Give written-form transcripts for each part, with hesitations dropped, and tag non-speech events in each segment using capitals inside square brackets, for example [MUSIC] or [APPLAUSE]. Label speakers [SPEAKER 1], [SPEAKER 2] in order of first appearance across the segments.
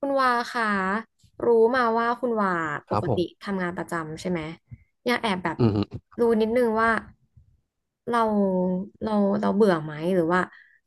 [SPEAKER 1] คุณวาค่ะรู้มาว่าคุณวาป
[SPEAKER 2] ครับ
[SPEAKER 1] ก
[SPEAKER 2] ผ
[SPEAKER 1] ติ
[SPEAKER 2] ม
[SPEAKER 1] ทำงานประจำใช่ไหมอยากแอบแบบ
[SPEAKER 2] อืมอืม
[SPEAKER 1] รู้นิดนึงว่าเราเราเราเบื่อไหมหรือว่า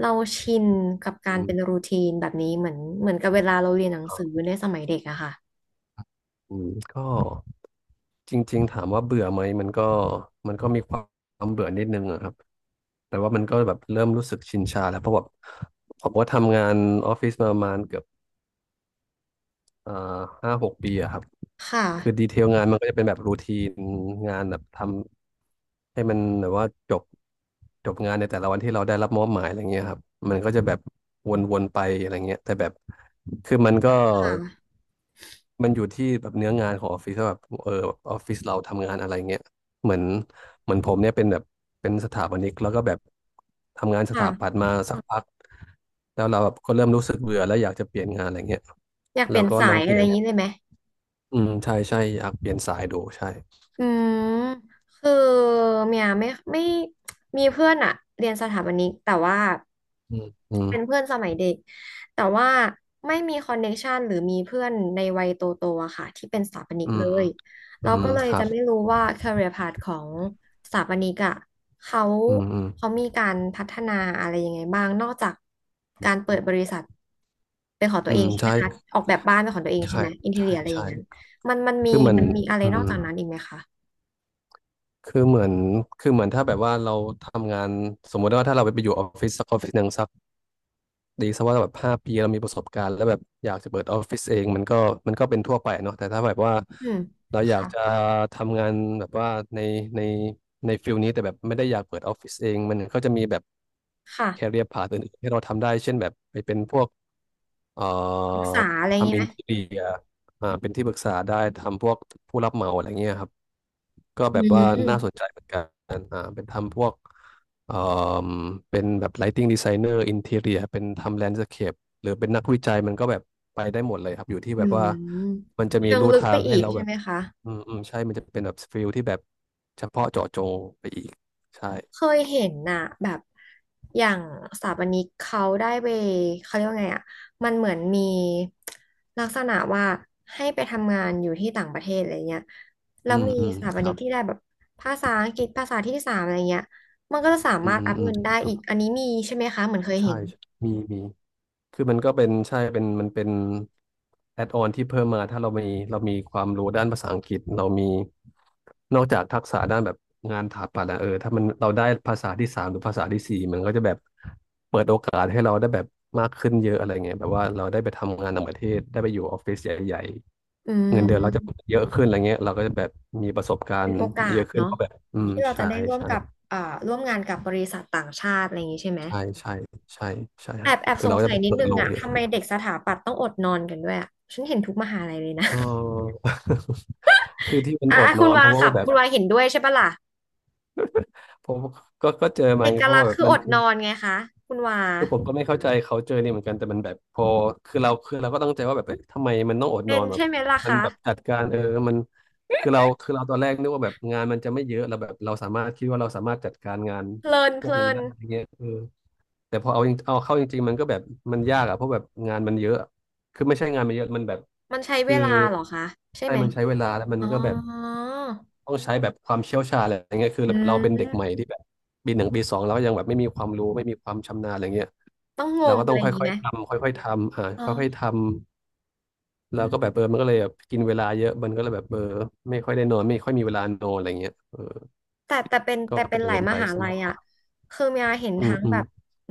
[SPEAKER 1] เราชินกับ
[SPEAKER 2] อื
[SPEAKER 1] การเป็น
[SPEAKER 2] ม
[SPEAKER 1] รูทีนแบบนี้เหมือนกับเวลาเราเรียนหนังสือในสมัยเด็กอะค่ะ
[SPEAKER 2] ก็จริงๆถามว่าเบื่อไหมมันก็มีความเบื่อนิดนึงอะครับ แต่ว่ามันก็แบบเริ่มรู้สึกชินชาแล้วเพราะแบบผมว่าทำงานออฟฟิศมาประมาณเกือบอ่า5-6 ปีอะครับ
[SPEAKER 1] ค่ะ
[SPEAKER 2] คือดีเทลงานมันก็จะเป็นแบบรูทีนงานแบบทำให้มันแบบว่าจบงานในแต่ละวันที่เราได้รับมอบหมายอะไรเงี้ยครับมันก็จะแบบวนๆไปอะไรเงี้ยแต่แบบคือมันก็
[SPEAKER 1] ค่ะ
[SPEAKER 2] มันอยู่ที่แบบเนื้องานของออฟฟิศว่าแบบออฟฟิศเราทำงานอะไรเงี้ยเหมือนเหมือนผมเนี่ยเป็นแบบเป็นสถาปนิกแล้วก็แบบทำงานสถาปัต
[SPEAKER 1] ค่ะ
[SPEAKER 2] ย์มาสักพักแล้วเราแบบก็เริ่มรู้สึกเบื่อแล้วอยากจะเปลี่ยนงานอะไรเงี้ย
[SPEAKER 1] อยากเป
[SPEAKER 2] เรา
[SPEAKER 1] ลี่ยน
[SPEAKER 2] ก็ล
[SPEAKER 1] สา
[SPEAKER 2] อง
[SPEAKER 1] ย
[SPEAKER 2] เป
[SPEAKER 1] อะ
[SPEAKER 2] ลี่
[SPEAKER 1] ไร
[SPEAKER 2] ย
[SPEAKER 1] อ
[SPEAKER 2] น
[SPEAKER 1] ย่างนี้เลยไหม
[SPEAKER 2] อืมใช่ใช่อยากเปลี่ยนสายดูใช่
[SPEAKER 1] อืมคือเมียไม่ไม่มีเพื่อนอะเรียนสถาปนิกแต่ว่า
[SPEAKER 2] อืมอืม
[SPEAKER 1] เป็นเพื่อนสมัยเด็กแต่ว่าไม่มีคอนเน c t ชันหรือมีเพื่อนในวัยโตโตอะค่ะที่เป็นสถาปนิก
[SPEAKER 2] อืม
[SPEAKER 1] เลย
[SPEAKER 2] อื
[SPEAKER 1] เรา
[SPEAKER 2] ม
[SPEAKER 1] ก็เลย
[SPEAKER 2] ครั
[SPEAKER 1] จะ
[SPEAKER 2] บ
[SPEAKER 1] ไม่รู้ว่า career path ของสถาปนิกอะเขา
[SPEAKER 2] อืมอืม
[SPEAKER 1] เขามีการพัฒนาอะไรยังไงบ้างนอกจากการเปิดบริษัทเป็นของตั
[SPEAKER 2] อื
[SPEAKER 1] วเอง
[SPEAKER 2] ม
[SPEAKER 1] ใช่ไหม
[SPEAKER 2] ใช่
[SPEAKER 1] คะออกแบบบ้านเป็นของตัวเองใช่
[SPEAKER 2] ใช่
[SPEAKER 1] ไหมอินทีเรี
[SPEAKER 2] ใช่
[SPEAKER 1] ยอะไรอย่า
[SPEAKER 2] ใช่
[SPEAKER 1] งนั้นมันมันมี
[SPEAKER 2] คือเหมือน
[SPEAKER 1] มันมีอะไร
[SPEAKER 2] อื
[SPEAKER 1] นอก
[SPEAKER 2] ม
[SPEAKER 1] จากนั้นอีกไหมคะ
[SPEAKER 2] คือเหมือนคือเหมือนถ้าแบบว่าเราทำงานสมมุติว่าถ้าเราไปอยู่ออฟฟิศสักออฟฟิศหนึ่งสัก ดีซะว่าแบบ5 ปีเรามีประสบการณ์แล้วแบบอยากจะเปิดออฟฟิศเองมันก็เป็นทั่วไปเนาะแต่ถ้าแบบว่า
[SPEAKER 1] อืม
[SPEAKER 2] เราอยาก
[SPEAKER 1] ค่ะ
[SPEAKER 2] จะทำงานแบบว่าในในในฟิลนี้แต่แบบไม่ได้อยากเปิดออฟฟิศเองมันก็จะมีแบบแค
[SPEAKER 1] ค่ะ
[SPEAKER 2] เรียร์พาธอื่นๆที่เราทำได้เช่นแบบไปเป็นพวกเอ่อ
[SPEAKER 1] ศึกษาอะไรอย่างนี้
[SPEAKER 2] ทำอิ
[SPEAKER 1] ไหม
[SPEAKER 2] นทีเรีย เป็นที่ปรึกษาได้ทำพวกผู้รับเหมาอะไรเงี้ยครับก็
[SPEAKER 1] อื
[SPEAKER 2] แบบว่าน่าสน
[SPEAKER 1] ม
[SPEAKER 2] ใจเหมือนกันเป็นทำพวกเอ่มเป็นแบบ lighting designer interior เป็นทำ landscape หรือเป็นนักวิจัยมันก็แบบไปได้หมดเลยครับอยู่ที่
[SPEAKER 1] อื
[SPEAKER 2] แบบ
[SPEAKER 1] ม
[SPEAKER 2] ว่ามันจะมี
[SPEAKER 1] เชิง
[SPEAKER 2] ลู่
[SPEAKER 1] ลึก
[SPEAKER 2] ทา
[SPEAKER 1] ไป
[SPEAKER 2] ง
[SPEAKER 1] อี
[SPEAKER 2] ให้
[SPEAKER 1] ก
[SPEAKER 2] เรา
[SPEAKER 1] ใช่
[SPEAKER 2] แบบ
[SPEAKER 1] ไหมคะ
[SPEAKER 2] อืมอืมใช่มันจะเป็นแบบฟิลที่แบบเฉพาะเจาะจงไปอีกใช่
[SPEAKER 1] เคยเห็นน่ะแบบอย่างสถาปนิกเขาได้ไปเขาเรียกว่าไงอ่ะมันเหมือนมีลักษณะว่าให้ไปทำงานอยู่ที่ต่างประเทศอะไรเงี้ยแล้
[SPEAKER 2] อื
[SPEAKER 1] ว
[SPEAKER 2] ม
[SPEAKER 1] มี
[SPEAKER 2] อืม
[SPEAKER 1] สถาป
[SPEAKER 2] ค
[SPEAKER 1] นิ
[SPEAKER 2] รั
[SPEAKER 1] ก
[SPEAKER 2] บ
[SPEAKER 1] ที่ได้แบบภาษาอังกฤษภาษาที่สามอะไรเงี้ยมันก็จะสา
[SPEAKER 2] อื
[SPEAKER 1] มา
[SPEAKER 2] ม
[SPEAKER 1] รถ
[SPEAKER 2] อืม
[SPEAKER 1] อัพ
[SPEAKER 2] อืม
[SPEAKER 1] เงินได้
[SPEAKER 2] ครั
[SPEAKER 1] อี
[SPEAKER 2] บ
[SPEAKER 1] กอันนี้มีใช่ไหมคะเหมือนเคย
[SPEAKER 2] ใช่
[SPEAKER 1] เห็น
[SPEAKER 2] มี คือมันก็เป็นใช่เป็นมันเป็นแอดออนที่เพิ่มมาถ้าเรามีความรู้ด้านภาษาอังกฤษเรามีนอกจากทักษะด้านแบบงานถาปัตย์อะเออถ้ามันเราได้ภาษาที่ 3หรือภาษาที่ 4มันก็จะแบบเปิดโอกาสให้เราได้แบบมากขึ้นเยอะอะไรเงี้ยแบบว่าเราได้ไปทำงานต่างประเทศได้ไปอยู่ออฟฟิศใหญ่
[SPEAKER 1] อื
[SPEAKER 2] ๆเงินเดือนเราจะ
[SPEAKER 1] ม
[SPEAKER 2] เยอะขึ้นอะไรเงี้ยเราก็จะแบบมีประสบการ
[SPEAKER 1] เป็น
[SPEAKER 2] ณ์
[SPEAKER 1] โอกา
[SPEAKER 2] เย
[SPEAKER 1] ส
[SPEAKER 2] อะขึ้นเพ
[SPEAKER 1] เนาะ
[SPEAKER 2] ราะแบบอืม
[SPEAKER 1] ที่เรา
[SPEAKER 2] ใช่
[SPEAKER 1] จะได้ร่วม
[SPEAKER 2] ใช่
[SPEAKER 1] กับเอ่อร่วมงานกับบริษัทต่างชาติอะไรอย่างนี้ใช่ไหม
[SPEAKER 2] ใช่ใช่ใช่ใช่
[SPEAKER 1] แอ
[SPEAKER 2] ฮะ
[SPEAKER 1] บแอบ
[SPEAKER 2] คือ
[SPEAKER 1] ส
[SPEAKER 2] เรา
[SPEAKER 1] ง
[SPEAKER 2] ก็
[SPEAKER 1] สั
[SPEAKER 2] จะ
[SPEAKER 1] ย
[SPEAKER 2] แบบ
[SPEAKER 1] นิด
[SPEAKER 2] เปิด
[SPEAKER 1] นึง
[SPEAKER 2] โลก
[SPEAKER 1] อะ
[SPEAKER 2] เยอะ
[SPEAKER 1] ทำไม
[SPEAKER 2] ขึ้น
[SPEAKER 1] เด็กสถาปัตย์ต้องอดนอนกันด้วยอะฉันเห็นทุกมหาลัยเลยนะ
[SPEAKER 2] เออ
[SPEAKER 1] [LAUGHS]
[SPEAKER 2] [LAUGHS] คือที่มัน
[SPEAKER 1] อ่ะ
[SPEAKER 2] อด
[SPEAKER 1] อ่ะ
[SPEAKER 2] น
[SPEAKER 1] คุ
[SPEAKER 2] อ
[SPEAKER 1] ณ
[SPEAKER 2] น
[SPEAKER 1] วา
[SPEAKER 2] เพราะ
[SPEAKER 1] ค่ะ
[SPEAKER 2] ว่าแบบ
[SPEAKER 1] คุณวาเห็นด้วยใช่ปะล่ะ
[SPEAKER 2] ผมก็เจอ
[SPEAKER 1] เอ
[SPEAKER 2] มาไง
[SPEAKER 1] ก
[SPEAKER 2] เพราะ
[SPEAKER 1] ลั
[SPEAKER 2] ว่า
[SPEAKER 1] กษณ์
[SPEAKER 2] แบบ
[SPEAKER 1] คือ
[SPEAKER 2] มั
[SPEAKER 1] อ
[SPEAKER 2] น
[SPEAKER 1] ด
[SPEAKER 2] คือ
[SPEAKER 1] นอนไงคะคุณวา
[SPEAKER 2] คือผมก็ไม่เข้าใจเขาเจอเนี่ยเหมือนกันแต่มันแบบพอคือเราก็ตั้งใจว่าแบบเอ้ยทำไมมันต้องอดน
[SPEAKER 1] เป็
[SPEAKER 2] อ
[SPEAKER 1] น
[SPEAKER 2] นแบบ
[SPEAKER 1] ใช่ไหมล่ะ
[SPEAKER 2] มัน
[SPEAKER 1] คะ
[SPEAKER 2] แบบจัดการมันคือเราตอนแรกนึกว่าแบบงานมันจะไม่เยอะเราแบบเราสามารถคิดว่าเราสามารถจัดการงาน
[SPEAKER 1] เพลิน
[SPEAKER 2] พ
[SPEAKER 1] เพ
[SPEAKER 2] วก
[SPEAKER 1] ลิ
[SPEAKER 2] นี้
[SPEAKER 1] น
[SPEAKER 2] ได้อย่างเงี้ยแต่พอเอาจริงเอาเข้าจริงๆมันก็แบบมันยากอะเพราะแบบงานมันเยอะคือไม่ใช่งานมันเยอะมันแบบ
[SPEAKER 1] มันใช้เว
[SPEAKER 2] คือ
[SPEAKER 1] ลาเหรอคะใช่
[SPEAKER 2] ใช่
[SPEAKER 1] ไหม
[SPEAKER 2] มันใช้เวลาแล้วมัน
[SPEAKER 1] อ๋อ
[SPEAKER 2] ก็แบบ ต้องใช้แบบความเชี่ยวชาญอะไรอย่างเงี้ยคือ
[SPEAKER 1] อื
[SPEAKER 2] เรา
[SPEAKER 1] ม
[SPEAKER 2] เป็นเด็กใหม่ที่แบบปี 1 ปี 2เราก็ยังแบบไม่มีความรู้ไม่มีความชำนาญอะไรเงี้ย
[SPEAKER 1] ต้องง
[SPEAKER 2] เรา
[SPEAKER 1] ม
[SPEAKER 2] ก็
[SPEAKER 1] อะ
[SPEAKER 2] ต้อง
[SPEAKER 1] ไรอย่างนี้
[SPEAKER 2] ค่อย
[SPEAKER 1] ไหม
[SPEAKER 2] ๆทำค่อยๆทำ
[SPEAKER 1] อ๋อ
[SPEAKER 2] ค่อยๆทำแล้วก็แบบมันก็เลยแบบกินเวลาเยอะมันก็เลยแบบไม่ค่อยได้นอนไม่ค่อยมีเวลานอนอะไรเงี้ย
[SPEAKER 1] แต่แต่เป็น
[SPEAKER 2] ก็
[SPEAKER 1] แต่เป็
[SPEAKER 2] เป็
[SPEAKER 1] น
[SPEAKER 2] น
[SPEAKER 1] หลาย
[SPEAKER 2] เงิน
[SPEAKER 1] ม
[SPEAKER 2] ไป
[SPEAKER 1] หา
[SPEAKER 2] ซะ
[SPEAKER 1] ลัย
[SPEAKER 2] มากก
[SPEAKER 1] อ่ะ
[SPEAKER 2] ว่า
[SPEAKER 1] คือเมียเห็น
[SPEAKER 2] อืม
[SPEAKER 1] ทั้ง
[SPEAKER 2] อื
[SPEAKER 1] แบ
[SPEAKER 2] ม
[SPEAKER 1] บ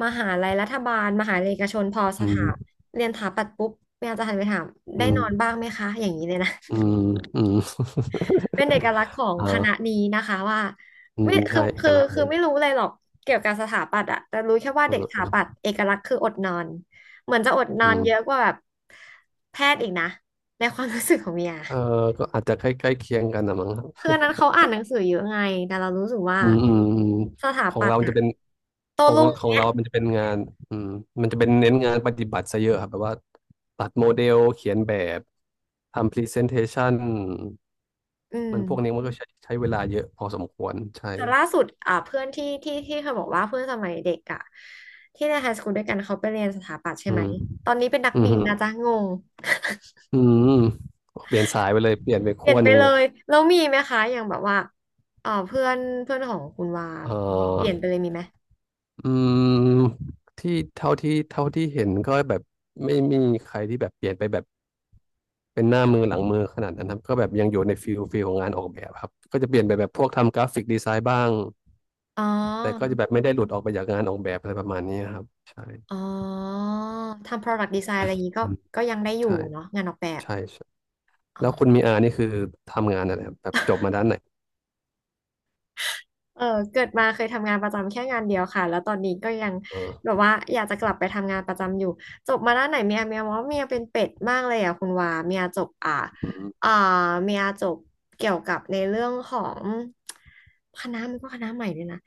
[SPEAKER 1] มหาลัยรัฐบาลมหาลัยเอกชนพอส
[SPEAKER 2] อื
[SPEAKER 1] ถา
[SPEAKER 2] ม
[SPEAKER 1] เรียนสถาปัตย์ปุ๊บเมียจะหันไปถาม
[SPEAKER 2] อื
[SPEAKER 1] ได้น
[SPEAKER 2] ม
[SPEAKER 1] อนบ้างไหมคะอย่างนี้เลยนะ
[SPEAKER 2] อืมอืม
[SPEAKER 1] [LAUGHS] เป็นเอกลักษณ์ของ
[SPEAKER 2] [LAUGHS]
[SPEAKER 1] ค
[SPEAKER 2] อ่า
[SPEAKER 1] ณะนี้นะคะว่า
[SPEAKER 2] อื
[SPEAKER 1] ไม่
[SPEAKER 2] ม
[SPEAKER 1] คื
[SPEAKER 2] ใช่
[SPEAKER 1] อ
[SPEAKER 2] เอก
[SPEAKER 1] คือ
[SPEAKER 2] ลักษณ์เล
[SPEAKER 1] คือ
[SPEAKER 2] ย
[SPEAKER 1] ไม่รู้เลยหรอกเกี่ยวกับสถาปัตย์อะแต่รู้แค่ว่า
[SPEAKER 2] เออ
[SPEAKER 1] เด็กส
[SPEAKER 2] เอ
[SPEAKER 1] ถา
[SPEAKER 2] อ
[SPEAKER 1] ปัตย์เอกลักษณ์คืออดนอนเหมือนจะอดน
[SPEAKER 2] อื
[SPEAKER 1] อนเยอะ
[SPEAKER 2] ม
[SPEAKER 1] กว่าแบบแพทย์อีกนะในความรู้สึกของเมีย
[SPEAKER 2] เออก็อาจจะใกล้ใกล้เคียงกันนะมั้ง
[SPEAKER 1] คืออันนั้นเขาอ่านหนังสือเยอะไงแต่เรารู้สึกว่า
[SPEAKER 2] อืมอืมอืม
[SPEAKER 1] สถา
[SPEAKER 2] ของ
[SPEAKER 1] ปัต
[SPEAKER 2] เรา
[SPEAKER 1] ย์
[SPEAKER 2] มัน
[SPEAKER 1] อะ
[SPEAKER 2] จะเป็น
[SPEAKER 1] โต้
[SPEAKER 2] ของ
[SPEAKER 1] รุ่ง
[SPEAKER 2] ของ
[SPEAKER 1] เนี้ย
[SPEAKER 2] เรามันจะเป็นงานอืมมันจะเป็นเน้นงานปฏิบัติซะเยอะครับแบบว่าตัดโมเดลเขียนแบบทำพรีเซนเทชัน
[SPEAKER 1] อื
[SPEAKER 2] มั
[SPEAKER 1] ม
[SPEAKER 2] นพวกนี้มันก็ใช้เวลาเยอะพอสมควรใช่
[SPEAKER 1] แต่ล่าสุดอ่าเพื่อนที่เคยบอกว่าเพื่อนสมัยเด็กอะที่ในไฮสคูลด้วยกันเขาไปเรียนสถาปัตย์ใช่
[SPEAKER 2] อื
[SPEAKER 1] ไหม
[SPEAKER 2] ม
[SPEAKER 1] ตอนนี้เป็นนัก
[SPEAKER 2] อืม
[SPEAKER 1] บิน
[SPEAKER 2] ฮึ
[SPEAKER 1] นะจ๊ะงง
[SPEAKER 2] อืมเปลี่ยนสายไปเลยเปลี่ยนไป
[SPEAKER 1] เปลี่
[SPEAKER 2] ขั้
[SPEAKER 1] ย
[SPEAKER 2] ว
[SPEAKER 1] นไป
[SPEAKER 2] หนึ่ง
[SPEAKER 1] เล
[SPEAKER 2] เลย
[SPEAKER 1] ยแล้วมีไหมคะอย่างแบบว่าเอ่าเพื่อนเพื่อนของคุณว่า
[SPEAKER 2] เอ
[SPEAKER 1] เปลี่ย
[SPEAKER 2] อ
[SPEAKER 1] นไปเลยมีไหม
[SPEAKER 2] อืมที่เท่าที่เห็นก็แบบไม่มีใครที่แบบเปลี่ยนไปแบบ เป็นหน้ามือหลังมือขนาดนั้นครับก็แบบยังอยู่ในฟิลของงานออกแบบครับก็จะเปลี่ยนไปแบบพวกทำกราฟิกดีไซน์บ้าง
[SPEAKER 1] อ๋อ
[SPEAKER 2] แต่ก็จะแบบไม่ได้หลุดออกไปจากงานออกแบบอะไรประมาณนี้ครับใช่
[SPEAKER 1] อ๋อทำ product design อะไรอย่างนี้ก็
[SPEAKER 2] อืม
[SPEAKER 1] ก็ยังได้อยู่
[SPEAKER 2] ใช่
[SPEAKER 1] เนาะงานออกแบบ
[SPEAKER 2] ใช่ใช่
[SPEAKER 1] อ๋
[SPEAKER 2] แล้
[SPEAKER 1] อ
[SPEAKER 2] วคุณมีอานี่คือทำงานอะไรครับแบบจบมาด้านไหน
[SPEAKER 1] เออเกิดมาเคยทำงานประจำแค่งานเดียวค่ะแล้วตอนนี้ก็ยัง
[SPEAKER 2] เอ
[SPEAKER 1] แบ
[SPEAKER 2] อ
[SPEAKER 1] บว่าอยากจะกลับไปทำงานประจำอยู่จบมาด้านไหนเมียมองว่าเมียเป็นเป็ดมากเลยอ่ะคุณวาเมียจบ
[SPEAKER 2] อื
[SPEAKER 1] อ่า
[SPEAKER 2] ม
[SPEAKER 1] เมียจบเกี่ยวกับในเรื่องของคณะมันก็คณะใหม่เลยนะ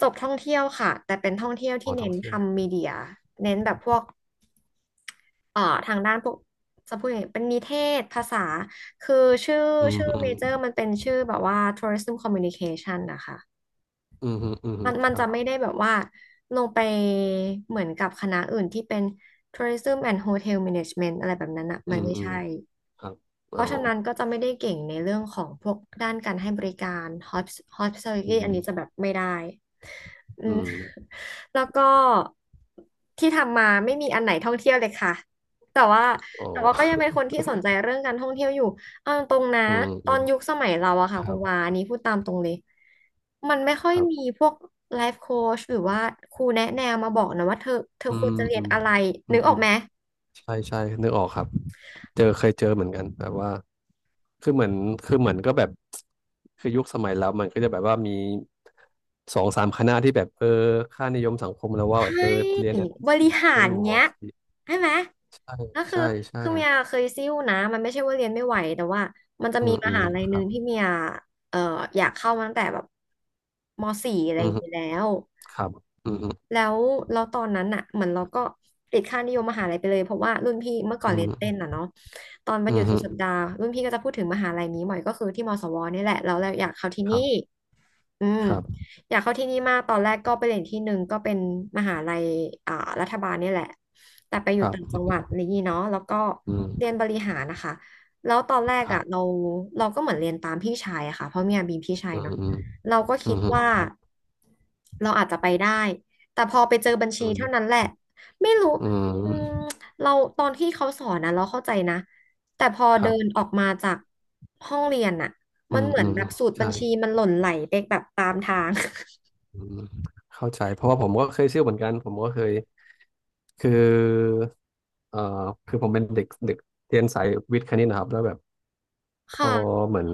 [SPEAKER 1] จบท่องเที่ยวค่ะแต่เป็นท่องเที่ยว
[SPEAKER 2] อ๋
[SPEAKER 1] ที่
[SPEAKER 2] อท่อ
[SPEAKER 1] เน้น
[SPEAKER 2] งเที่ยว
[SPEAKER 1] ทำมีเดียเน้นแบบพวกเอ่อทางด้านพวกจะพูดยังไงเป็นนิเทศภาษาคือชื่อ
[SPEAKER 2] อื
[SPEAKER 1] ชื่อเมเจอร์
[SPEAKER 2] ม
[SPEAKER 1] มันเป็นชื่อแบบว่า Tourism Communication นะคะ
[SPEAKER 2] อืมอืมอืมอื
[SPEAKER 1] มั
[SPEAKER 2] ม
[SPEAKER 1] นมั
[SPEAKER 2] ค
[SPEAKER 1] น
[SPEAKER 2] รั
[SPEAKER 1] จะไม่
[SPEAKER 2] บ
[SPEAKER 1] ได้แบบว่าลงไปเหมือนกับคณะอื่นที่เป็น Tourism and Hotel Management อะไรแบบนั้นอ่ะ
[SPEAKER 2] อื
[SPEAKER 1] มัน
[SPEAKER 2] ม
[SPEAKER 1] ไม่
[SPEAKER 2] อืม
[SPEAKER 1] ใช่
[SPEAKER 2] ครับ
[SPEAKER 1] เพ
[SPEAKER 2] อ๋อ
[SPEAKER 1] ราะฉะนั้นก็จะไม่ได้เก่งในเรื่องของพวกด้านการให้บริการ Hosp-
[SPEAKER 2] อื
[SPEAKER 1] Hospitality อัน
[SPEAKER 2] ม
[SPEAKER 1] นี้จะแบบไม่ได้ อื
[SPEAKER 2] อื
[SPEAKER 1] ม
[SPEAKER 2] ม
[SPEAKER 1] [LAUGHS] แล้วก็ที่ทำมาไม่มีอันไหนท่องเที่ยวเลยค่ะแต่ว่า
[SPEAKER 2] อ๋อ
[SPEAKER 1] แต่ว่าก็ยังเป็นคนที่สนใจเรื่องการท่องเที่ยวอยู่เอาตรงๆนะ
[SPEAKER 2] [LAUGHS] อืม
[SPEAKER 1] ต
[SPEAKER 2] อื
[SPEAKER 1] อน
[SPEAKER 2] ม
[SPEAKER 1] ยุคสมัยเราอะ
[SPEAKER 2] ค
[SPEAKER 1] ค่ะ
[SPEAKER 2] รั
[SPEAKER 1] คุณ
[SPEAKER 2] บ
[SPEAKER 1] วาอันนี้พูดตามตรงเลยมันไม่ค่อย
[SPEAKER 2] ครั
[SPEAKER 1] มี
[SPEAKER 2] บ
[SPEAKER 1] พวกไลฟ์โค้ชหรือว่าครูแนะแนวมาบอกนะว่าเธอ
[SPEAKER 2] อื
[SPEAKER 1] คว
[SPEAKER 2] ม
[SPEAKER 1] รจะเรี
[SPEAKER 2] อื
[SPEAKER 1] ยน
[SPEAKER 2] ม
[SPEAKER 1] อะไร
[SPEAKER 2] อื
[SPEAKER 1] นึ
[SPEAKER 2] ม
[SPEAKER 1] กอ
[SPEAKER 2] อื
[SPEAKER 1] อก
[SPEAKER 2] ม
[SPEAKER 1] ไหม
[SPEAKER 2] ใช่ใช่นึกออกครับเจอเคยเจอเหมือนกันแบบว่าคือเหมือนคือเหมือนก็แบบคือยุคสมัยเรามันก็จะแบบว่ามีสองสามคณะที่แบบเออค่านิยมสังคมแล้วว่าแบ
[SPEAKER 1] ใช่
[SPEAKER 2] บเออเรียนอันที่
[SPEAKER 1] บริ
[SPEAKER 2] สี่
[SPEAKER 1] หา
[SPEAKER 2] เป็น
[SPEAKER 1] ร
[SPEAKER 2] หมอ
[SPEAKER 1] เงี้ย
[SPEAKER 2] สิ
[SPEAKER 1] ใช่ไหม
[SPEAKER 2] ใช่
[SPEAKER 1] ก็คือ
[SPEAKER 2] ใช่ใช่
[SPEAKER 1] คือเมียเคยซิ่วนะมันไม่ใช่ว่าเรียนไม่ไหวแต่ว่ามันจะ
[SPEAKER 2] อื
[SPEAKER 1] มี
[SPEAKER 2] ม
[SPEAKER 1] ม
[SPEAKER 2] อืม
[SPEAKER 1] หาลัยห
[SPEAKER 2] ครั
[SPEAKER 1] นึ่ง
[SPEAKER 2] บ
[SPEAKER 1] ที่เมียเอ่ออยากเข้ามาตั้งแต่แบบม.4อะไร
[SPEAKER 2] อื
[SPEAKER 1] อย่าง
[SPEAKER 2] ม
[SPEAKER 1] นี้ยแล้ว
[SPEAKER 2] ครับอืม
[SPEAKER 1] แล้วเราตอนนั้นอะเหมือนเราก็ติดค่านิยมมหาลัยไปเลยเพราะว่ารุ่นพี่เมื่อก่อ
[SPEAKER 2] อื
[SPEAKER 1] นเรียนเต้น
[SPEAKER 2] ม
[SPEAKER 1] อ่ะเนาะตอนวัน
[SPEAKER 2] อื
[SPEAKER 1] หยุ
[SPEAKER 2] ม
[SPEAKER 1] ด
[SPEAKER 2] อื
[SPEAKER 1] สุด
[SPEAKER 2] ม
[SPEAKER 1] สัปดาห์รุ่นพี่ก็จะพูดถึงมหาลัยนี้บ่อยก็คือที่มศวนี่แหละแล้วเราอยากเข้าที่
[SPEAKER 2] ค
[SPEAKER 1] นี่
[SPEAKER 2] รับ
[SPEAKER 1] อืม
[SPEAKER 2] ครับ
[SPEAKER 1] อยากเข้าที่นี่มากตอนแรกก็ไปเรียนที่หนึ่งก็เป็นมหาลัยอ่ารัฐบาลเนี่ยแหละแต่ไปอ
[SPEAKER 2] ค
[SPEAKER 1] ยู่
[SPEAKER 2] รับ
[SPEAKER 1] ต่างจั
[SPEAKER 2] อื
[SPEAKER 1] งหวัด
[SPEAKER 2] ม
[SPEAKER 1] นี่างงี้เนาะแล้วก็
[SPEAKER 2] อืม
[SPEAKER 1] เรียนบริหารนะคะแล้วตอนแรก
[SPEAKER 2] ครั
[SPEAKER 1] อ่ะเรา
[SPEAKER 2] บ
[SPEAKER 1] เราก็เหมือนเรียนตามพี่ชายอะค่ะเพราะเมีอาบีมพี่ชาย
[SPEAKER 2] อืม
[SPEAKER 1] เนาะ
[SPEAKER 2] อืม
[SPEAKER 1] เราก็
[SPEAKER 2] อื
[SPEAKER 1] คิ
[SPEAKER 2] ม
[SPEAKER 1] ดว่า
[SPEAKER 2] ครับ
[SPEAKER 1] เราอาจจะไปได้แต่พอไปเจอบัญ
[SPEAKER 2] อื
[SPEAKER 1] ชีเท่านั้
[SPEAKER 2] ม
[SPEAKER 1] นแหละไม่รู้
[SPEAKER 2] อื
[SPEAKER 1] อืม
[SPEAKER 2] ม
[SPEAKER 1] เราตอนที่เขาสอนนะเราเข้าใจนะแต่พอ
[SPEAKER 2] ค
[SPEAKER 1] เดิ
[SPEAKER 2] รับ
[SPEAKER 1] นออกมาจากห้องเรียนอะ
[SPEAKER 2] อื
[SPEAKER 1] มัน
[SPEAKER 2] ม
[SPEAKER 1] เหมือ
[SPEAKER 2] อื
[SPEAKER 1] น
[SPEAKER 2] ม
[SPEAKER 1] แบบสูตรบั
[SPEAKER 2] ใช่
[SPEAKER 1] ญชีมันหล่นไหลไปแบบตามทาง
[SPEAKER 2] อืมเข้าใจเพราะว่าผมก็เคยซิ่วเหมือนกันผมก็เคยคือเอ่อคือผมเป็นเด็กเด็กเรียนสายวิทย์คณิตนะครับแล้วแบบ
[SPEAKER 1] [LAUGHS]
[SPEAKER 2] พอ
[SPEAKER 1] ค่ะ
[SPEAKER 2] เหมือน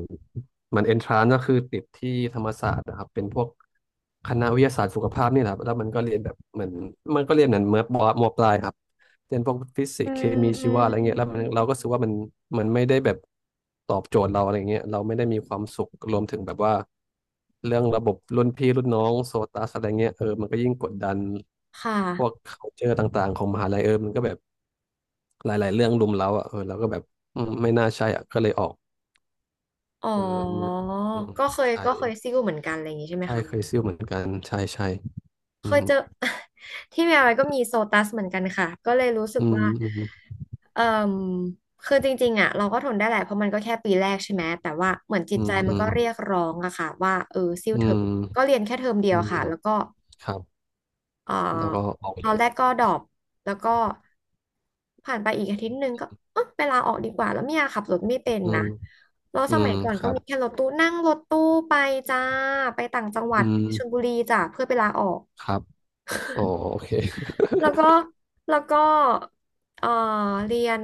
[SPEAKER 2] มันเอนทรานก็คือติดที่ธรรมศาสตร์นะครับเป็นพวกคณะวิทยาศาสตร์สุขภาพนี่แหละครับแล้วมันก็เรียนแบบเหมือนมันก็เรียนเหมือนเมื่อปมปลายครับเรียนพวกฟิสิ
[SPEAKER 1] อื
[SPEAKER 2] กส์เค
[SPEAKER 1] ม
[SPEAKER 2] มี
[SPEAKER 1] อื
[SPEAKER 2] ชี
[SPEAKER 1] ม
[SPEAKER 2] วะอะไร
[SPEAKER 1] อื
[SPEAKER 2] เงี้ยแล้ว
[SPEAKER 1] ม
[SPEAKER 2] มันเราก็รู้สึกว่ามันไม่ได้แบบตอบโจทย์เราอะไรเงี้ยเราไม่ได้มีความสุขรวมถึงแบบว่าเรื่องระบบรุ่นพี่รุ่นน้องโซตัสอะไรเงี้ยเออมันก็ยิ่งกดดัน
[SPEAKER 1] ค
[SPEAKER 2] พวก
[SPEAKER 1] ่ะ
[SPEAKER 2] culture ต่างๆของมหาลัยเออมันก็แบบหลายๆเรื่องรุมเร้าอ่ะเออเราก็แบบอืมไม่น่าใช่อ่ะก็เลยออก
[SPEAKER 1] อ๋อ
[SPEAKER 2] เออมันอืม
[SPEAKER 1] ก็เคย
[SPEAKER 2] ใช่
[SPEAKER 1] ก็เคยซิ่วเหมือนกันอะไรอย่างงี้ใช่ไหม
[SPEAKER 2] ใช่เคย
[SPEAKER 1] คะ
[SPEAKER 2] ซิ่วเหมือนกันใช่ใช่
[SPEAKER 1] เค
[SPEAKER 2] อื
[SPEAKER 1] ย
[SPEAKER 2] ม
[SPEAKER 1] เจอ [LAUGHS] ที่เมียไว้ก็มีโซตัสเหมือนกันค่ะ ก็เลยรู้สึ
[SPEAKER 2] อื
[SPEAKER 1] ก
[SPEAKER 2] ม
[SPEAKER 1] ว่า
[SPEAKER 2] อืม
[SPEAKER 1] เอ่มคือจริงๆอ่ะเราก็ทนได้แหละเพราะมันก็แค่ปีแรกใช่ไหม แต่ว่าเหมือนจิ
[SPEAKER 2] อื
[SPEAKER 1] ตใจ
[SPEAKER 2] ม
[SPEAKER 1] มั
[SPEAKER 2] อื
[SPEAKER 1] นก็
[SPEAKER 2] ม
[SPEAKER 1] เรียกร้องอะค่ะว่าเออซิ่ว
[SPEAKER 2] อื
[SPEAKER 1] เถอะ
[SPEAKER 2] ม
[SPEAKER 1] ก็เรียนแค่เทอมเดี
[SPEAKER 2] อื
[SPEAKER 1] ยว
[SPEAKER 2] มอื
[SPEAKER 1] ค่ะ
[SPEAKER 2] ม
[SPEAKER 1] แล้วก็
[SPEAKER 2] ครับ
[SPEAKER 1] เอ่อ
[SPEAKER 2] แล้วก็ออกไป
[SPEAKER 1] ตอ
[SPEAKER 2] เล
[SPEAKER 1] น
[SPEAKER 2] ย
[SPEAKER 1] แรกก็ดรอปแล้วก็ผ่านไปอีกอาทิตย์หนึ่งก็เออไปลาออกดีกว่าแล้วเมียขับรถไม่เป็น
[SPEAKER 2] อื
[SPEAKER 1] นะ
[SPEAKER 2] ม
[SPEAKER 1] แล้ว
[SPEAKER 2] อื
[SPEAKER 1] ส
[SPEAKER 2] ม
[SPEAKER 1] มัยก่อน
[SPEAKER 2] ค
[SPEAKER 1] ก็
[SPEAKER 2] รับ
[SPEAKER 1] มีแค่รถตู้นั่งรถตู้ไปจ้าไปต่างจังหวั
[SPEAKER 2] อื
[SPEAKER 1] ด
[SPEAKER 2] ม
[SPEAKER 1] ชลบุรีจ้าเพื่อไปลาออก
[SPEAKER 2] ครับอ๋อโอเค
[SPEAKER 1] แล้วก็แล้วก็เอ่อเรียน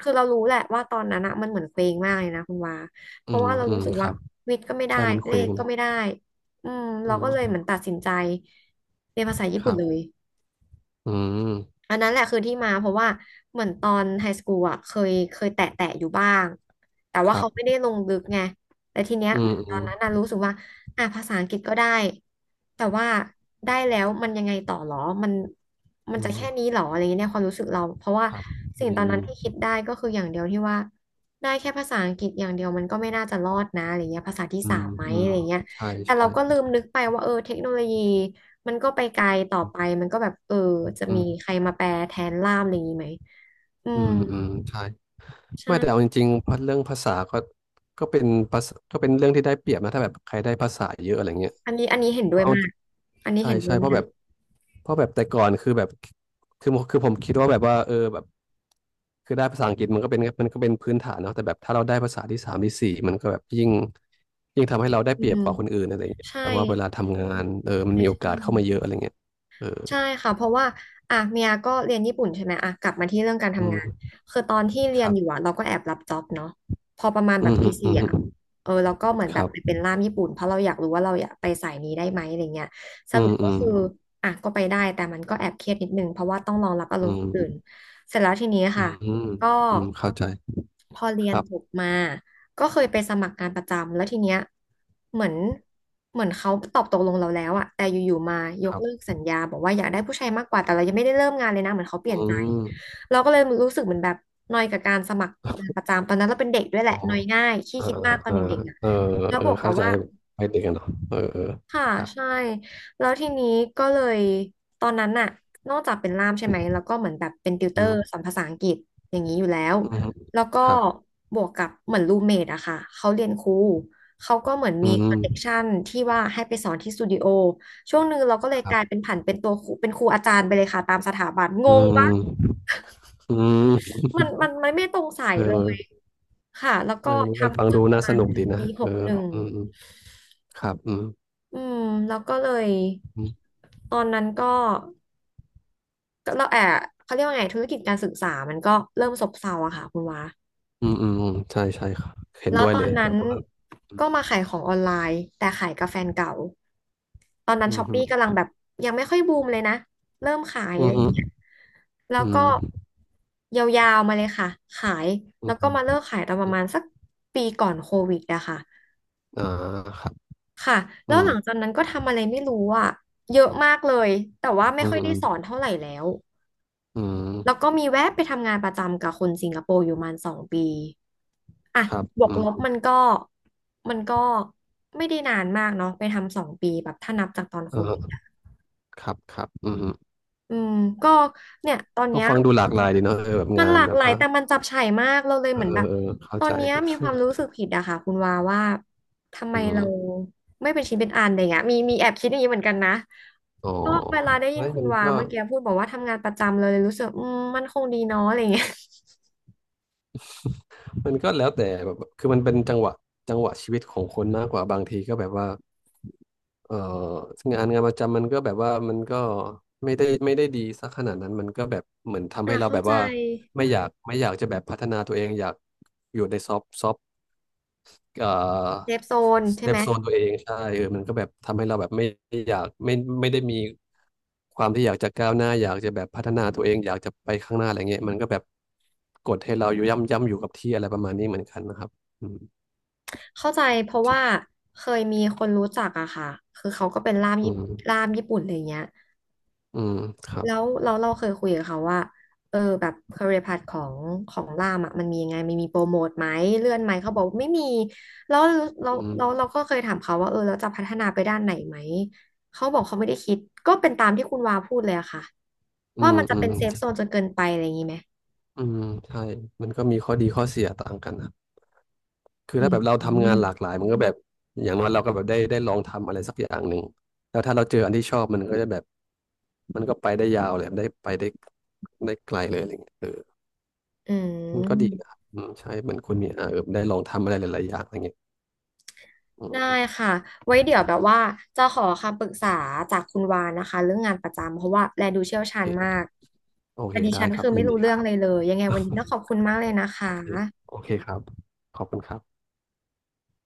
[SPEAKER 1] คือเรารู้แหละว่าตอนนั้นอะมันเหมือนเคว้งมากเลยนะคุณวาเพ
[SPEAKER 2] อื
[SPEAKER 1] ราะ
[SPEAKER 2] ม
[SPEAKER 1] ว่าเรา
[SPEAKER 2] อื
[SPEAKER 1] รู้
[SPEAKER 2] ม
[SPEAKER 1] สึก
[SPEAKER 2] ค
[SPEAKER 1] ว่า
[SPEAKER 2] รับ
[SPEAKER 1] วิทย์ก็ไม่ได้
[SPEAKER 2] ใช่มันเค
[SPEAKER 1] เล
[SPEAKER 2] ว้
[SPEAKER 1] ข
[SPEAKER 2] ง
[SPEAKER 1] ก็
[SPEAKER 2] นะ
[SPEAKER 1] ไม่ได้
[SPEAKER 2] อื
[SPEAKER 1] เรา
[SPEAKER 2] ม
[SPEAKER 1] ก็เลย
[SPEAKER 2] อื
[SPEAKER 1] เห
[SPEAKER 2] ม
[SPEAKER 1] มือนตัดสินใจเรียนภาษาญี่
[SPEAKER 2] ค
[SPEAKER 1] ปุ่น
[SPEAKER 2] รั
[SPEAKER 1] เล
[SPEAKER 2] บ
[SPEAKER 1] ย
[SPEAKER 2] อืม
[SPEAKER 1] อันนั้นแหละคือที่มาเพราะว่าเหมือนตอนไฮสคูลอ่ะเคยแตะแตะอยู่บ้างแต่
[SPEAKER 2] ค
[SPEAKER 1] ว่า
[SPEAKER 2] รั
[SPEAKER 1] เขา
[SPEAKER 2] บ
[SPEAKER 1] ไม่ได้ลงลึกไงแต่ทีเนี้ย
[SPEAKER 2] อื
[SPEAKER 1] เห
[SPEAKER 2] ม
[SPEAKER 1] มือนต
[SPEAKER 2] อื
[SPEAKER 1] อน
[SPEAKER 2] ม
[SPEAKER 1] นั้นน่ะรู้สึกว่าอ่ะภาษาอังกฤษก็ได้แต่ว่าได้แล้วมันยังไงต่อหรอมันมัน
[SPEAKER 2] อื
[SPEAKER 1] จะแค่นี้
[SPEAKER 2] ม
[SPEAKER 1] หรออะไรเงี้ยเนี่ยความรู้สึกเราเพราะว่า
[SPEAKER 2] ครับอื
[SPEAKER 1] สิ่งตอน
[SPEAKER 2] ม
[SPEAKER 1] นั้นที่คิดได้ก็คืออย่างเดียวที่ว่าได้แค่ภาษาอังกฤษอย่างเดียวมันก็ไม่น่าจะรอดนะอะไรเงี้ยภาษาที่
[SPEAKER 2] อื
[SPEAKER 1] สา
[SPEAKER 2] ม
[SPEAKER 1] มไหม
[SPEAKER 2] อืมอื
[SPEAKER 1] อะ
[SPEAKER 2] ม
[SPEAKER 1] ไรเงี้ย
[SPEAKER 2] ใช่
[SPEAKER 1] แต่เรา
[SPEAKER 2] ใช่
[SPEAKER 1] ก็ลืมนึกไปว่าเออเทคโนโลยีมันก็ไปไกลต่อไปมันก็แบบเออจะ
[SPEAKER 2] อื
[SPEAKER 1] มีใค
[SPEAKER 2] ม
[SPEAKER 1] รมาแปลแทนล่ามอะไรอย่างนี้ไหมอื
[SPEAKER 2] อื
[SPEAKER 1] ม
[SPEAKER 2] มอืมใช่ ไม่แต่เอา
[SPEAKER 1] ใช่
[SPEAKER 2] จริงๆพัดเรื่องภาษาก็ก็เป็นภาษาก็เป็นเรื่องที่ได้เปรียบนะถ้าแบบใครได้ภาษาเยอะอะไรเงี้ย
[SPEAKER 1] อันนี้อันนี้เห็น
[SPEAKER 2] เพ
[SPEAKER 1] ด้ว
[SPEAKER 2] ราะ
[SPEAKER 1] ย
[SPEAKER 2] เอา
[SPEAKER 1] มากอันนี้
[SPEAKER 2] ใช่
[SPEAKER 1] เห็นด้
[SPEAKER 2] ใช่
[SPEAKER 1] วย
[SPEAKER 2] เพราะ
[SPEAKER 1] มา
[SPEAKER 2] แบ
[SPEAKER 1] ก
[SPEAKER 2] บเพราะแบบแต่ก่อนคือแบบคือผมคิดว่าแบบว่าเออแบบคือได้ภาษาอังกฤษมันก็เป็นพื้นฐานเนาะแต่แบบถ้าเราได้ภาษาที่สามที่สี่มันก็แบบยิ่งทำให้เราได้
[SPEAKER 1] อื
[SPEAKER 2] เปรียบ
[SPEAKER 1] ม
[SPEAKER 2] กว่าคนอื่นอะไรเงี้ย
[SPEAKER 1] ใช่
[SPEAKER 2] แปลว่าเวลาทำงานเออมัน
[SPEAKER 1] ใช่
[SPEAKER 2] มีโอกา
[SPEAKER 1] ใช่
[SPEAKER 2] สเข้ามาเยอะอะไรเงี้ยเออ
[SPEAKER 1] ใช่ค่ะเพราะว่าอ่ะเมียก็เรียนญี่ปุ่นใช่ไหมอ่ะกลับมาที่เรื่องการ
[SPEAKER 2] อื
[SPEAKER 1] ทำงาน
[SPEAKER 2] ม
[SPEAKER 1] คือตอนที่
[SPEAKER 2] ค
[SPEAKER 1] เรียน
[SPEAKER 2] รั
[SPEAKER 1] อยู่
[SPEAKER 2] บ
[SPEAKER 1] อ่ะเราก็แอบรับจ็อบเนาะพอประมาณ
[SPEAKER 2] อื
[SPEAKER 1] แบบ
[SPEAKER 2] มอื
[SPEAKER 1] ปี
[SPEAKER 2] มอื
[SPEAKER 1] สี่อ่ะ
[SPEAKER 2] ม
[SPEAKER 1] เออเราก็เหมือน
[SPEAKER 2] ค
[SPEAKER 1] แบบ
[SPEAKER 2] รับ
[SPEAKER 1] ไปเป็นล่ามญี่ปุ่นเพราะเราอยากรู้ว่าเราอยากไปสายนี้ได้ไหมอะไรเงี้ยส
[SPEAKER 2] อื
[SPEAKER 1] รุ
[SPEAKER 2] ม
[SPEAKER 1] ป
[SPEAKER 2] อื
[SPEAKER 1] ก็
[SPEAKER 2] ม
[SPEAKER 1] คืออ่ะก็ไปได้แต่มันก็แอบเครียดนิดนึงเพราะว่าต้องรองรับอาร
[SPEAKER 2] อื
[SPEAKER 1] มณ์คนอื่น
[SPEAKER 2] ม
[SPEAKER 1] เสร็จแล้วทีนี้
[SPEAKER 2] อื
[SPEAKER 1] ค่ะ
[SPEAKER 2] ม
[SPEAKER 1] ก็
[SPEAKER 2] อืมเข้าใจ
[SPEAKER 1] พอเรี
[SPEAKER 2] ค
[SPEAKER 1] ยน
[SPEAKER 2] รั
[SPEAKER 1] จบ
[SPEAKER 2] บ
[SPEAKER 1] มา ก็เคยไปสมัครงานประจำแล้วทีเนี้ยเหมือนเหมือนเขาตอบตกลงเราแล้วอะแต่อยู่ๆมาย
[SPEAKER 2] ค
[SPEAKER 1] ก
[SPEAKER 2] รับ
[SPEAKER 1] เลิกสัญญาบอกว่าอยากได้ผู้ชายมากกว่าแต่เรายังไม่ได้เริ่มงานเลยนะเหมือนเขาเป
[SPEAKER 2] อื
[SPEAKER 1] ลี่ยนใจ
[SPEAKER 2] ม
[SPEAKER 1] เราก็เลยรู้สึกเหมือนแบบนอยกับการสมัครงานประจำตอนนั้นเราเป็นเด็กด้วยแห
[SPEAKER 2] อ๋
[SPEAKER 1] ละ
[SPEAKER 2] อ
[SPEAKER 1] นอยง่ายขี้
[SPEAKER 2] เออ
[SPEAKER 1] คิดมากตอ
[SPEAKER 2] เอ
[SPEAKER 1] น
[SPEAKER 2] อ
[SPEAKER 1] เด็กๆอะ
[SPEAKER 2] เออ
[SPEAKER 1] แล้ว
[SPEAKER 2] เอ
[SPEAKER 1] บ
[SPEAKER 2] อ
[SPEAKER 1] วกกับ
[SPEAKER 2] เข้าใจ
[SPEAKER 1] ว่า
[SPEAKER 2] ไปเด็กกันเนาะเออเออ
[SPEAKER 1] ค่ะ
[SPEAKER 2] ครั
[SPEAKER 1] ใช่
[SPEAKER 2] บ
[SPEAKER 1] แล้วทีนี้ก็เลยตอนนั้นน่ะนอกจากเป็นล่ามใช่ไหมแล้วก็เหมือนแบบเป็นติวเต
[SPEAKER 2] อื
[SPEAKER 1] อร์ส
[SPEAKER 2] ม
[SPEAKER 1] อนภาษาอังกฤษอย่างนี้อยู่แล้ว
[SPEAKER 2] อืม
[SPEAKER 1] แล้วก็
[SPEAKER 2] ครับ
[SPEAKER 1] บวกกับเหมือนรูเมทอะค่ะเขาเรียนครูเขาก็เหมือน
[SPEAKER 2] อื
[SPEAKER 1] มีคอ
[SPEAKER 2] ม
[SPEAKER 1] นเนคชันที่ว่าให้ไปสอนที่สตูดิโอช่วงหนึ่งเราก็เล
[SPEAKER 2] ค
[SPEAKER 1] ยก
[SPEAKER 2] รั
[SPEAKER 1] ลายเป็
[SPEAKER 2] บ
[SPEAKER 1] นผันเป็นตัวครูเป็นครูอาจารย์ไปเลยค่ะตามสถาบันง
[SPEAKER 2] อื
[SPEAKER 1] งปะ
[SPEAKER 2] มอืม
[SPEAKER 1] มัน
[SPEAKER 2] [LAUGHS]
[SPEAKER 1] มันมันไม่ตรงสาย
[SPEAKER 2] เอ
[SPEAKER 1] เลย
[SPEAKER 2] อ
[SPEAKER 1] ค่ะแล้ว
[SPEAKER 2] เอ
[SPEAKER 1] ก็
[SPEAKER 2] อมันก็ฟั
[SPEAKER 1] ทำ
[SPEAKER 2] ง
[SPEAKER 1] จน
[SPEAKER 2] ดู
[SPEAKER 1] ประ
[SPEAKER 2] น่า
[SPEAKER 1] มา
[SPEAKER 2] ส
[SPEAKER 1] ณ
[SPEAKER 2] นุก
[SPEAKER 1] ถึ
[SPEAKER 2] ดี
[SPEAKER 1] ง
[SPEAKER 2] นะ
[SPEAKER 1] ปีห
[SPEAKER 2] เอ
[SPEAKER 1] ก
[SPEAKER 2] อ
[SPEAKER 1] หนึ่ง
[SPEAKER 2] อืมอืมครับอืม
[SPEAKER 1] อืมแล้วก็เลย
[SPEAKER 2] อืม
[SPEAKER 1] ตอนนั้นก็เราแอบเขาเรียกว่าไงธุรกิจการศึกษามันก็เริ่มซบเซาอะค่ะคุณวา
[SPEAKER 2] อืมอืมอืมใช่ใช่ครับเห็น
[SPEAKER 1] แล้ว
[SPEAKER 2] ด้วย
[SPEAKER 1] ตอ
[SPEAKER 2] เล
[SPEAKER 1] น
[SPEAKER 2] ย
[SPEAKER 1] นั้
[SPEAKER 2] แบ
[SPEAKER 1] น
[SPEAKER 2] บว่า
[SPEAKER 1] ก็มาขายของออนไลน์แต่ขายกับแฟนเก่าตอนนั้
[SPEAKER 2] อื
[SPEAKER 1] น
[SPEAKER 2] ม
[SPEAKER 1] ช้อป
[SPEAKER 2] ฮึ
[SPEAKER 1] ปี้กำลังแบบยังไม่ค่อยบูมเลยนะเริ่มขาย
[SPEAKER 2] อื
[SPEAKER 1] อะ
[SPEAKER 2] ม
[SPEAKER 1] ไรอ
[SPEAKER 2] ฮึ
[SPEAKER 1] ย่างเงี้ยแล้ว
[SPEAKER 2] อื
[SPEAKER 1] ก็
[SPEAKER 2] ม
[SPEAKER 1] ยาวๆมาเลยค่ะขาย
[SPEAKER 2] อื
[SPEAKER 1] แล้
[SPEAKER 2] ม
[SPEAKER 1] วก็
[SPEAKER 2] ฮึ
[SPEAKER 1] มาเลิกขายตอนป
[SPEAKER 2] อ
[SPEAKER 1] ระ
[SPEAKER 2] ม
[SPEAKER 1] มาณสักปีก่อนโควิดอะค่ะ
[SPEAKER 2] อ่าครับ
[SPEAKER 1] ค่ะ
[SPEAKER 2] อื
[SPEAKER 1] แล้ว
[SPEAKER 2] ม
[SPEAKER 1] หลังจากนั้นก็ทำอะไรไม่รู้อะเยอะมากเลยแต่ว่าไม่
[SPEAKER 2] อืม
[SPEAKER 1] ค่อย
[SPEAKER 2] อื
[SPEAKER 1] ได้
[SPEAKER 2] ม
[SPEAKER 1] สอนเท่าไหร่แล้ว
[SPEAKER 2] อื
[SPEAKER 1] แล้ว
[SPEAKER 2] ม
[SPEAKER 1] ก็มีแวะไปทำงานประจำกับคนสิงคโปร์อยู่ประมาณสองปี อ่ะ
[SPEAKER 2] ครับ
[SPEAKER 1] บว
[SPEAKER 2] อื
[SPEAKER 1] กลบ
[SPEAKER 2] ม
[SPEAKER 1] มันก็ไม่ได้นานมากเนาะไปทำสองปีแบบถ้านับจากตอนโควิด
[SPEAKER 2] เออ
[SPEAKER 1] อะ
[SPEAKER 2] ครับครับอืม
[SPEAKER 1] อืมก็เนี่ยตอน
[SPEAKER 2] ก็
[SPEAKER 1] เนี้ย
[SPEAKER 2] ฟังดูหลากหลายดีเนาะเออแบบ
[SPEAKER 1] มัน
[SPEAKER 2] งา
[SPEAKER 1] ห
[SPEAKER 2] น
[SPEAKER 1] ลาก
[SPEAKER 2] แบ
[SPEAKER 1] ห
[SPEAKER 2] บ
[SPEAKER 1] ลาย
[SPEAKER 2] ว่า
[SPEAKER 1] แต่มันจับฉ่ายมากเราเลย
[SPEAKER 2] เอ
[SPEAKER 1] เห
[SPEAKER 2] อ
[SPEAKER 1] มือน
[SPEAKER 2] เอ
[SPEAKER 1] แบ
[SPEAKER 2] อ
[SPEAKER 1] บ
[SPEAKER 2] เออเข้า
[SPEAKER 1] ตอ
[SPEAKER 2] ใจ
[SPEAKER 1] นเนี้ยมีควา
[SPEAKER 2] [LAUGHS]
[SPEAKER 1] มรู้สึกผิดอะค่ะคุณวาว่าทำไม
[SPEAKER 2] อื
[SPEAKER 1] เรา
[SPEAKER 2] ม
[SPEAKER 1] ไม่เป็นชิ้นเป็นอันอะไรเงี้ยมีแอบคิดอย่างนี้เหมือนกันนะ
[SPEAKER 2] อ๋อ
[SPEAKER 1] ก็เวลาได้ยิน
[SPEAKER 2] ไม่
[SPEAKER 1] คุ
[SPEAKER 2] มั
[SPEAKER 1] ณ
[SPEAKER 2] น
[SPEAKER 1] วา
[SPEAKER 2] ก็
[SPEAKER 1] เมื่อกี้พูดบอกว่าทำงานประจำเลยรู้สึกมันคงดีเนาะอะไรเงี้ย
[SPEAKER 2] มันก็แล้วแต่แบบคือมันเป็นจังหวะชีวิตของคนมากกว่าบางทีก็แบบว่าเอองานงานประจำมันก็แบบว่ามันก็ไม่ได้ดีสักขนาดนั้นมันก็แบบเหมือนทำ
[SPEAKER 1] อ่ะ
[SPEAKER 2] ให้เรา
[SPEAKER 1] เข้า
[SPEAKER 2] แบบ
[SPEAKER 1] ใจ
[SPEAKER 2] ว่าไม่อยากจะแบบพัฒนาตัวเองอยากอยู่ในซอฟต์ เอ่
[SPEAKER 1] เซ
[SPEAKER 2] อ
[SPEAKER 1] ฟโซนใช่
[SPEAKER 2] เซ
[SPEAKER 1] ไห
[SPEAKER 2] ฟ
[SPEAKER 1] ม
[SPEAKER 2] โซนตัวเองใช่เออมันก็แบบทำให้เราแบบไม่อยากไม่ไม่ได้มีความที่อยากจะก้าวหน้าอยากจะแบบพัฒนาตัวเองอยากจะไปข้างหน้าอะไรเงี้ยมันก็แบบกดให้เราอยู่ย่ำอยู่กับที่อะไรประมาณนี้เหมือนกันนะครับอืม
[SPEAKER 1] เข้าใจเพราะว่าเคยมีคนรู้จักอะค่ะคือเขาก็เป็น
[SPEAKER 2] อืม
[SPEAKER 1] ล่ามญี่ปุ่นอะไรเงี้ย
[SPEAKER 2] อืมครับ
[SPEAKER 1] แล้วเราเคยคุยกับเขาว่าเออแบบ career path ของล่ามอะมันมียังไงมันมีโปรโมทไหมเลื่อนไหมเขาบอกไม่มีแล้วเราเรา
[SPEAKER 2] อื
[SPEAKER 1] เรา
[SPEAKER 2] ม
[SPEAKER 1] ก็เคยถามเขาว่าเออเราจะพัฒนาไปด้านไหนไหมเขาบอกเขาไม่ได้คิดก็เป็นตามที่คุณวาพูดเลยอะค่ะ
[SPEAKER 2] อื
[SPEAKER 1] ว่า
[SPEAKER 2] ม
[SPEAKER 1] มันจะ
[SPEAKER 2] อืม
[SPEAKER 1] เป็นเซฟโซนจนเกินไปอะไรอย่างนี้ไหม
[SPEAKER 2] อืมใช่มันก็มีข้อดีข้อเสียต่างกันนะ คือ
[SPEAKER 1] อื
[SPEAKER 2] ถ้าแบบเรา
[SPEAKER 1] ม
[SPEAKER 2] ทำงานหลากหลายมันก็แบบอย่างน้อยเราก็แบบได้ลองทำอะไรสักอย่างหนึ่งแล้วถ้าเราเจออันที่ชอบมันก็จะแบบมันก็ไปได้ยาวเลยได้ไกลเลยอะไรเงี้ยเออ
[SPEAKER 1] อื
[SPEAKER 2] มันก็ดีนะค
[SPEAKER 1] ม
[SPEAKER 2] รับอืมใช่เหมือนคุณเนี่ยอ่ะเออได้ลองทำอะไรหลายๆอย่างอะไรเงี้ยอื
[SPEAKER 1] ได้
[SPEAKER 2] ม
[SPEAKER 1] ค่ะไว้เดี๋ยวแบบว่าจะขอคำปรึกษาจากคุณวานนะคะเรื่องงานประจำเพราะว่าแลดูเชี่ยว
[SPEAKER 2] โอ
[SPEAKER 1] ชาญ
[SPEAKER 2] เค
[SPEAKER 1] มาก
[SPEAKER 2] โอ
[SPEAKER 1] แต่
[SPEAKER 2] เค
[SPEAKER 1] ดิ
[SPEAKER 2] ได้
[SPEAKER 1] ฉัน
[SPEAKER 2] ครั
[SPEAKER 1] คื
[SPEAKER 2] บ
[SPEAKER 1] อ
[SPEAKER 2] ยิ
[SPEAKER 1] ไม่
[SPEAKER 2] นดี
[SPEAKER 1] รู้
[SPEAKER 2] ค
[SPEAKER 1] เรื่อ
[SPEAKER 2] รั
[SPEAKER 1] ง
[SPEAKER 2] บ
[SPEAKER 1] เลยยังไงวันนี้ต้องขอบคุณมากเลยนะ
[SPEAKER 2] [LAUGHS]
[SPEAKER 1] คะ
[SPEAKER 2] โอเคโอเคครับขอบคุณครับ